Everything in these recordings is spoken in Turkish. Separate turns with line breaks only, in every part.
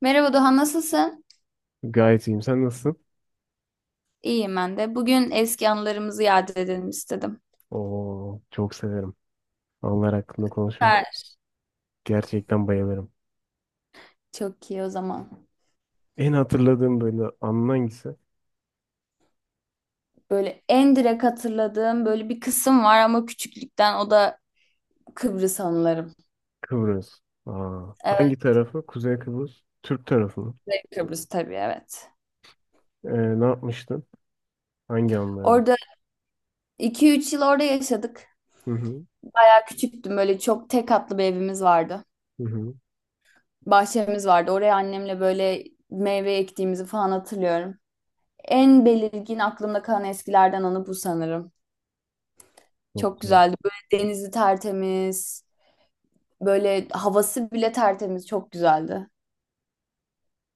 Merhaba Doğan, nasılsın?
Gayet iyiyim. Sen nasılsın?
İyiyim ben de. Bugün eski anılarımızı yad edelim istedim.
Oo, çok severim. Onlar hakkında konuşmak
Süper.
gerçekten bayılırım.
Çok iyi o zaman.
En hatırladığım böyle anın hangisi?
Böyle en direkt hatırladığım böyle bir kısım var ama küçüklükten o da Kıbrıs anılarım.
Kıbrıs. Aa,
Evet,
hangi tarafı? Kuzey Kıbrıs. Türk tarafı mı?
Kuzey Kıbrıs tabii evet.
Ee, ne yapmıştın? Hangi anlara?
Orada iki üç yıl orada yaşadık.
Hı hı.
Ben küçüktüm böyle çok tek katlı bir evimiz vardı.
Hı hı.
Bahçemiz vardı. Oraya annemle böyle meyve ektiğimizi falan hatırlıyorum. En belirgin aklımda kalan eskilerden anı bu sanırım.
Çok
Çok
güzel.
güzeldi. Böyle denizi tertemiz. Böyle havası bile tertemiz, çok güzeldi.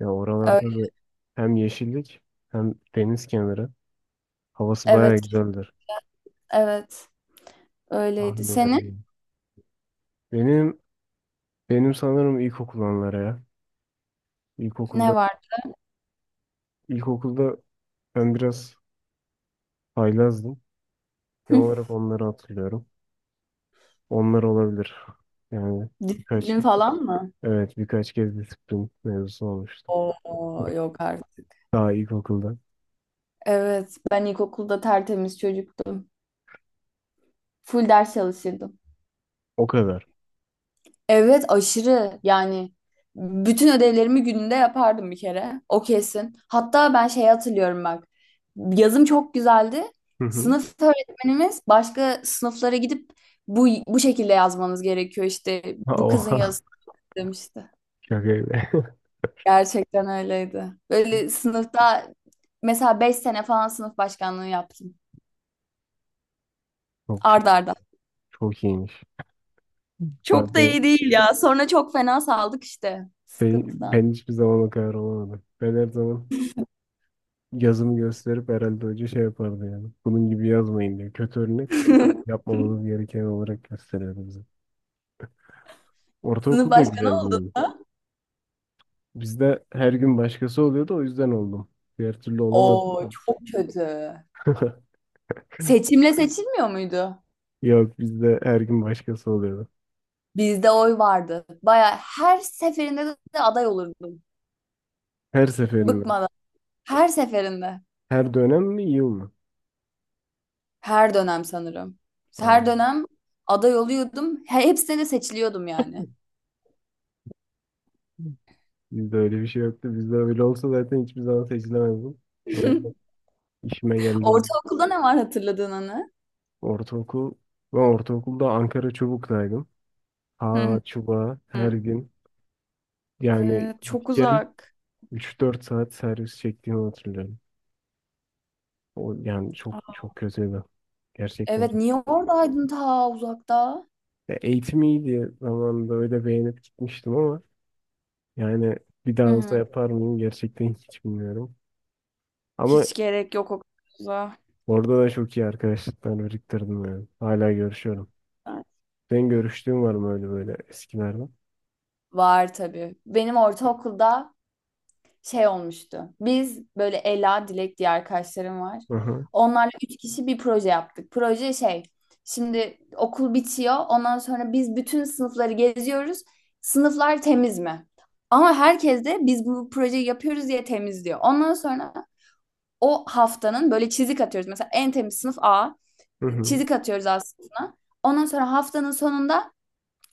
Ya oralarda
Öyle,
da hem yeşillik hem deniz kenarı. Havası bayağı
evet,
güzeldir.
evet. Öyleydi.
Tahmin
Senin
ederim. Benim benim sanırım ilkokul anları ya. İlkokulda
ne var?
ilkokulda ben biraz haylazdım. Genel olarak onları hatırlıyorum. Onlar olabilir. Yani birkaç
Disiplin
kez
falan mı?
evet, birkaç kez disiplin mevzusu olmuştu.
Oo, yok artık.
Daha ilkokulda.
Evet, ben ilkokulda tertemiz çocuktum. Full ders çalışırdım.
O kadar.
Evet aşırı yani bütün ödevlerimi gününde yapardım bir kere o kesin. Hatta ben şey hatırlıyorum bak yazım çok güzeldi.
Hı hı.
Sınıf öğretmenimiz başka sınıflara gidip bu şekilde yazmanız gerekiyor işte
Ha,
bu kızın
oha.
yazısı demişti.
Şaka gibi.
Gerçekten öyleydi. Böyle sınıfta mesela 5 sene falan sınıf başkanlığı yaptım
Çok çok
arda arda.
çok iyiymiş. Ben,
Çok da
ben,
iyi değil ya sonra çok fena saldık işte
ben,
sıkıntıdan.
ben hiçbir zaman o kadar olamadım. Ben her zaman yazımı gösterip herhalde hoca şey yapardı yani. Bunun gibi yazmayın diye. Kötü örnek yapmamamız gereken olarak gösteriyordu bize.
Sınıf
Ortaokul da
başkanı
güzeldi
oldum.
benim. Bizde her gün başkası oluyordu, o yüzden oldum. Diğer türlü olamadım da.
Oo çok kötü. Seçimle seçilmiyor muydu?
Yok, bizde her gün başkası oluyordu.
Bizde oy vardı. Baya her seferinde de aday olurdum.
Her seferinde.
Bıkmadan. Her seferinde.
Her dönem mi yıl mı?
Her dönem sanırım.
Aa,
Her dönem aday oluyordum. Hepsine de seçiliyordum yani.
bizde öyle bir şey yoktu. Bizde öyle olsa zaten hiçbir zaman seçilemezdim. O yüzden işime geldi.
Ortaokulda ne var hatırladığın anı?
Ortaokul. Ben ortaokulda Ankara Çubuk'taydım. Ha,
Hı
çubuğa her
hı.
gün. Yani
Evet, çok
git gel
uzak.
3-4 saat servis çektiğimi hatırlıyorum. O, yani çok çok kötüydü. Gerçekten.
Evet, niye oradaydın ta uzakta?
Ya eğitim iyiydi zamanında, öyle beğenip gitmiştim ama yani bir
Hı
daha olsa
hı.
yapar mıyım gerçekten hiç bilmiyorum. Ama
Hiç gerek yok o kadar uzağa.
orada da çok iyi arkadaşlıklar biriktirdim yani. Hala görüşüyorum. Senin görüştüğün var mı öyle böyle eskilerden?
Var tabii. Benim ortaokulda şey olmuştu. Biz böyle Ela, Dilek diye arkadaşlarım var.
Hı hı.
Onlarla üç kişi bir proje yaptık. Proje şey, şimdi okul bitiyor. Ondan sonra biz bütün sınıfları geziyoruz. Sınıflar temiz mi? Ama herkes de biz bu projeyi yapıyoruz diye temizliyor. Ondan sonra o haftanın böyle çizik atıyoruz. Mesela en temiz sınıf A.
Hı hı.
Çizik atıyoruz A sınıfına. Ondan sonra haftanın sonunda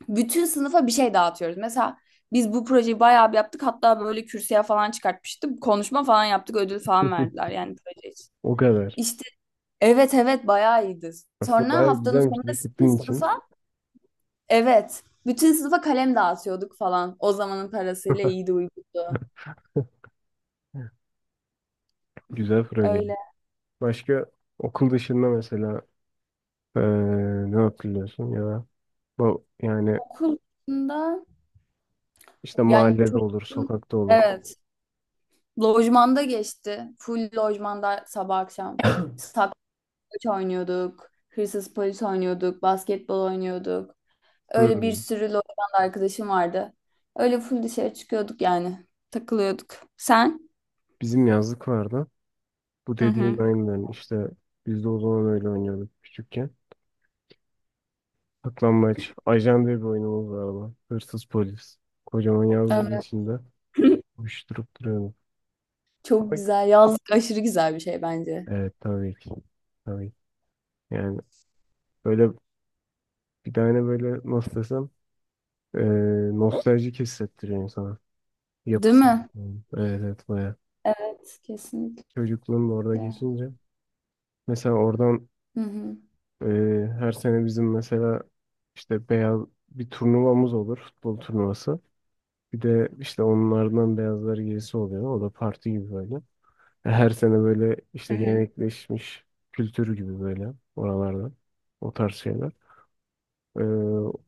bütün sınıfa bir şey dağıtıyoruz. Mesela biz bu projeyi bayağı bir yaptık. Hatta böyle kürsüye falan çıkartmıştık. Konuşma falan yaptık. Ödül falan verdiler yani proje için.
O kadar.
İşte evet, evet, bayağı iyiydi.
Aslında
Sonra
bayağı
haftanın
güzelmiş
sonunda bütün
disiplin için.
sınıfa evet, bütün sınıfa kalem dağıtıyorduk falan. O zamanın parasıyla iyiydi uygundu.
Güzel proje.
Öyle.
Başka okul dışında mesela eee, ne hatırlıyorsun ya da bu yani
Okulda
işte
yani
mahallede olur,
çocuğum
sokakta olur.
evet lojmanda geçti. Full lojmanda sabah akşam. Saklambaç oynuyorduk. Hırsız polis oynuyorduk. Basketbol oynuyorduk. Öyle bir
Hmm.
sürü Lorient'li arkadaşım vardı. Öyle full dışarı çıkıyorduk yani. Takılıyorduk. Sen?
Bizim yazlık vardı. Bu
Hı
dediğin
hı.
aynen işte, biz de o zaman öyle oynuyorduk küçükken. Saklambaç. Ajan diye bir oyunumuz vardı. Lan. Hırsız polis. Kocaman yazdığın
Evet.
içinde uyuşturup duruyorduk.
Çok
Ama
güzel. Yazlık aşırı güzel bir şey bence.
evet, tabii ki. Tabii. Yani böyle bir tane böyle nasıl desem eee nostaljik hissettiriyor insana.
Değil
Yapısı.
mi?
Evet, evet, baya.
Evet, kesinlikle.
Çocukluğum da orada geçince. Mesela oradan
Hı hı.
her sene bizim mesela işte beyaz bir turnuvamız olur. Futbol turnuvası. Bir de işte onlardan beyazlar gerisi oluyor. O da parti gibi böyle. Her sene böyle
Hı
işte
hı.
gelenekleşmiş kültür gibi böyle oralarda. O tarz şeyler. Ee,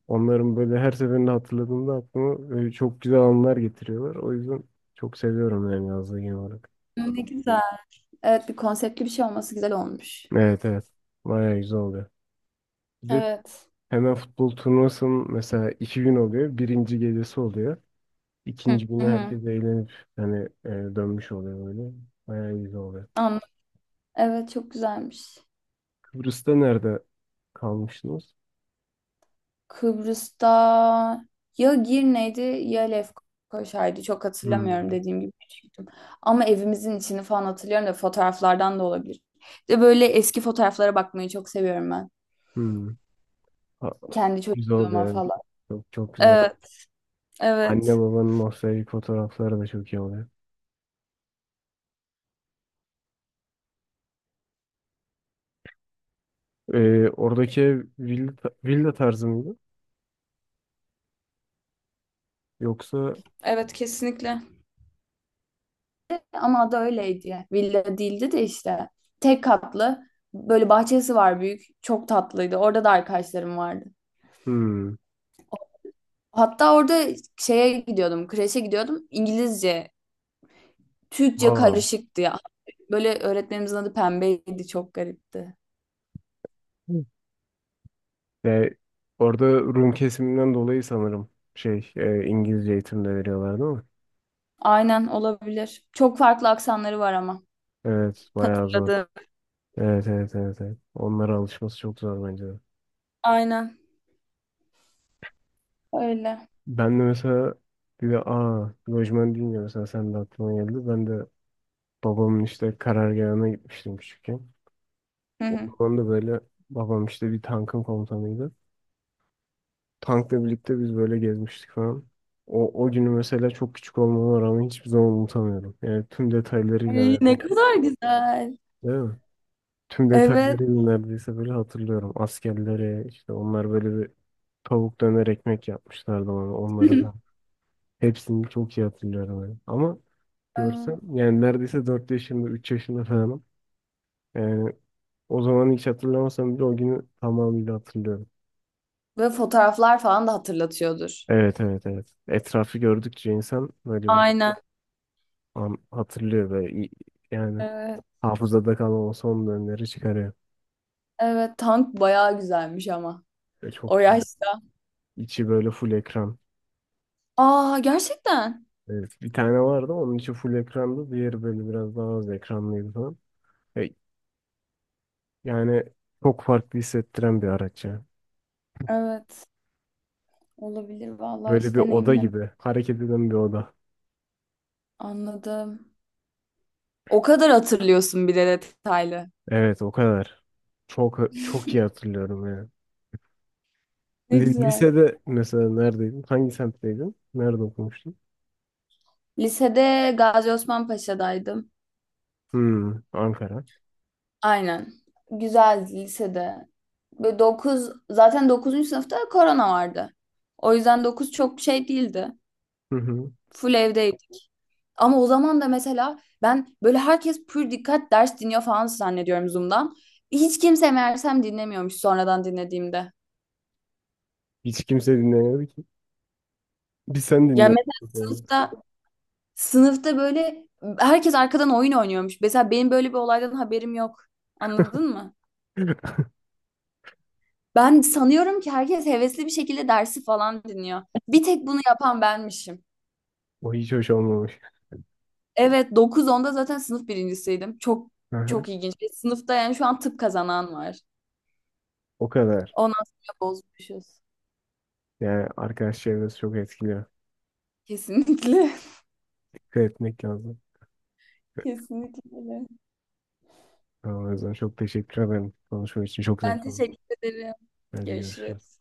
Onların böyle her seferinde hatırladığımda aklıma böyle çok güzel anılar getiriyorlar. O yüzden çok seviyorum yani yazlığı genel olarak.
Ne güzel. Evet, bir konseptli bir şey olması güzel olmuş.
Evet, evet. Bayağı güzel oluyor. Bir de
Evet.
hemen futbol turnuvasının mesela 2 gün oluyor. Birinci gecesi oluyor.
Hı
İkinci günü
hı.
herkes eğlenip hani dönmüş oluyor böyle. Bayağı güzel oluyor.
Anladım. Evet, çok güzelmiş.
Kıbrıs'ta nerede kalmıştınız?
Kıbrıs'ta ya Girne'ydi ya Lefkoşa'ydı. Çok hatırlamıyorum
Hmm.
dediğim gibi küçüktüm. Ama evimizin içini falan hatırlıyorum da fotoğraflardan da olabilir. De böyle eski fotoğraflara bakmayı çok seviyorum ben.
Hmm. Ha,
Kendi
güzel
çocukluğuma
oluyor. Evet.
falan.
Çok, çok güzel.
Evet,
Anne
evet.
babanın nostaljik fotoğrafları da çok iyi oluyor. Oradaki ev villa, tarzı mıydı? Yoksa
Evet, kesinlikle. Ama adı öyleydi, ya. Villa değildi de işte. Tek katlı. Böyle bahçesi var büyük. Çok tatlıydı. Orada da arkadaşlarım vardı.
hmm.
Hatta orada şeye gidiyordum. Kreşe gidiyordum. İngilizce Türkçe
Ha.
karışıktı ya. Böyle öğretmenimizin adı Pembe'ydi. Çok garipti.
Ve orada Rum kesiminden dolayı sanırım şey İngilizce eğitim de veriyorlar değil mi?
Aynen, olabilir. Çok farklı aksanları var ama.
Evet, bayağı zor.
Hatırladım.
Evet, evet, evet, evet. Onlara alışması çok zor bence de.
Aynen. Öyle.
Ben de mesela bir de aa lojman deyince mesela sen de aklıma geldi. Ben de babamın işte karargahına gitmiştim küçükken.
Hı
O
hı.
zaman da böyle babam işte bir tankın komutanıydı. Tankla birlikte biz böyle gezmiştik falan. O günü mesela çok küçük olmama rağmen hiçbir zaman unutamıyorum. Yani tüm detaylarıyla
Ay, ne
neredeyse.
kadar güzel.
Değil mi? Tüm
Evet.
detaylarıyla neredeyse böyle hatırlıyorum. Askerlere işte onlar böyle bir tavuk döner ekmek yapmışlardı bana, onları falan. Hepsini çok iyi hatırlıyorum yani. Ama görsem
Ee,
yani neredeyse 4 yaşında 3 yaşında falanım. Yani o zaman hiç hatırlamasam bile o günü tamamıyla hatırlıyorum.
Ve fotoğraflar falan da hatırlatıyordur.
Evet, evet, evet. Etrafı gördükçe insan böyle bir
Aynen.
an hatırlıyor ve yani
Evet.
hafızada kalan o son dönemleri çıkarıyor.
Evet. Tank bayağı güzelmiş ama.
Ve
O
çok güzel.
yaşta.
İçi böyle full ekran.
Aa gerçekten.
Evet, bir tane vardı, onun içi full ekrandı. Diğeri böyle biraz daha az ekranlıydı falan. E, Yani çok farklı hissettiren bir araç ya.
Evet. Olabilir. Vallahi
Böyle
hiç
bir oda
deneyimlemedim.
gibi. Hareket eden bir oda.
Anladım. O kadar hatırlıyorsun bir de detaylı.
Evet, o kadar. Çok çok iyi hatırlıyorum ya.
Ne güzel.
Lisede mesela neredeydin? Hangi semtteydin? Nerede okumuştun?
Lisede Gazi Osman Paşa'daydım.
Hmm, Ankara.
Aynen. Güzeldi lisede. Böyle 9, zaten 9. sınıfta korona vardı. O yüzden 9 çok şey değildi.
Hı hı.
Full evdeydik. Ama o zaman da mesela ben böyle herkes pür dikkat ders dinliyor falan zannediyorum Zoom'dan. Hiç kimse meğersem dinlemiyormuş sonradan dinlediğimde.
Hiç kimse dinlemiyordu ki. Biz sen
Ya
dinliyordun.
mesela
Sonra.
sınıfta sınıfta böyle herkes arkadan oyun oynuyormuş. Mesela benim böyle bir olaydan haberim yok. Anladın mı? Ben sanıyorum ki herkes hevesli bir şekilde dersi falan dinliyor. Bir tek bunu yapan benmişim.
O hiç hoş olmamış.
Evet 9-10'da zaten sınıf birincisiydim. Çok
Hı hı.
çok ilginç. Bir sınıfta yani şu an tıp kazanan var.
O kadar.
Ondan sonra bozmuşuz.
Yani arkadaş çevresi çok etkiliyor.
Kesinlikle.
Dikkat etmek lazım.
Kesinlikle, öyle.
Tamam, o yüzden çok teşekkür ederim. Konuşma için çok
Ben
zevkli.
teşekkür ederim.
Hadi görüşürüz.
Görüşürüz.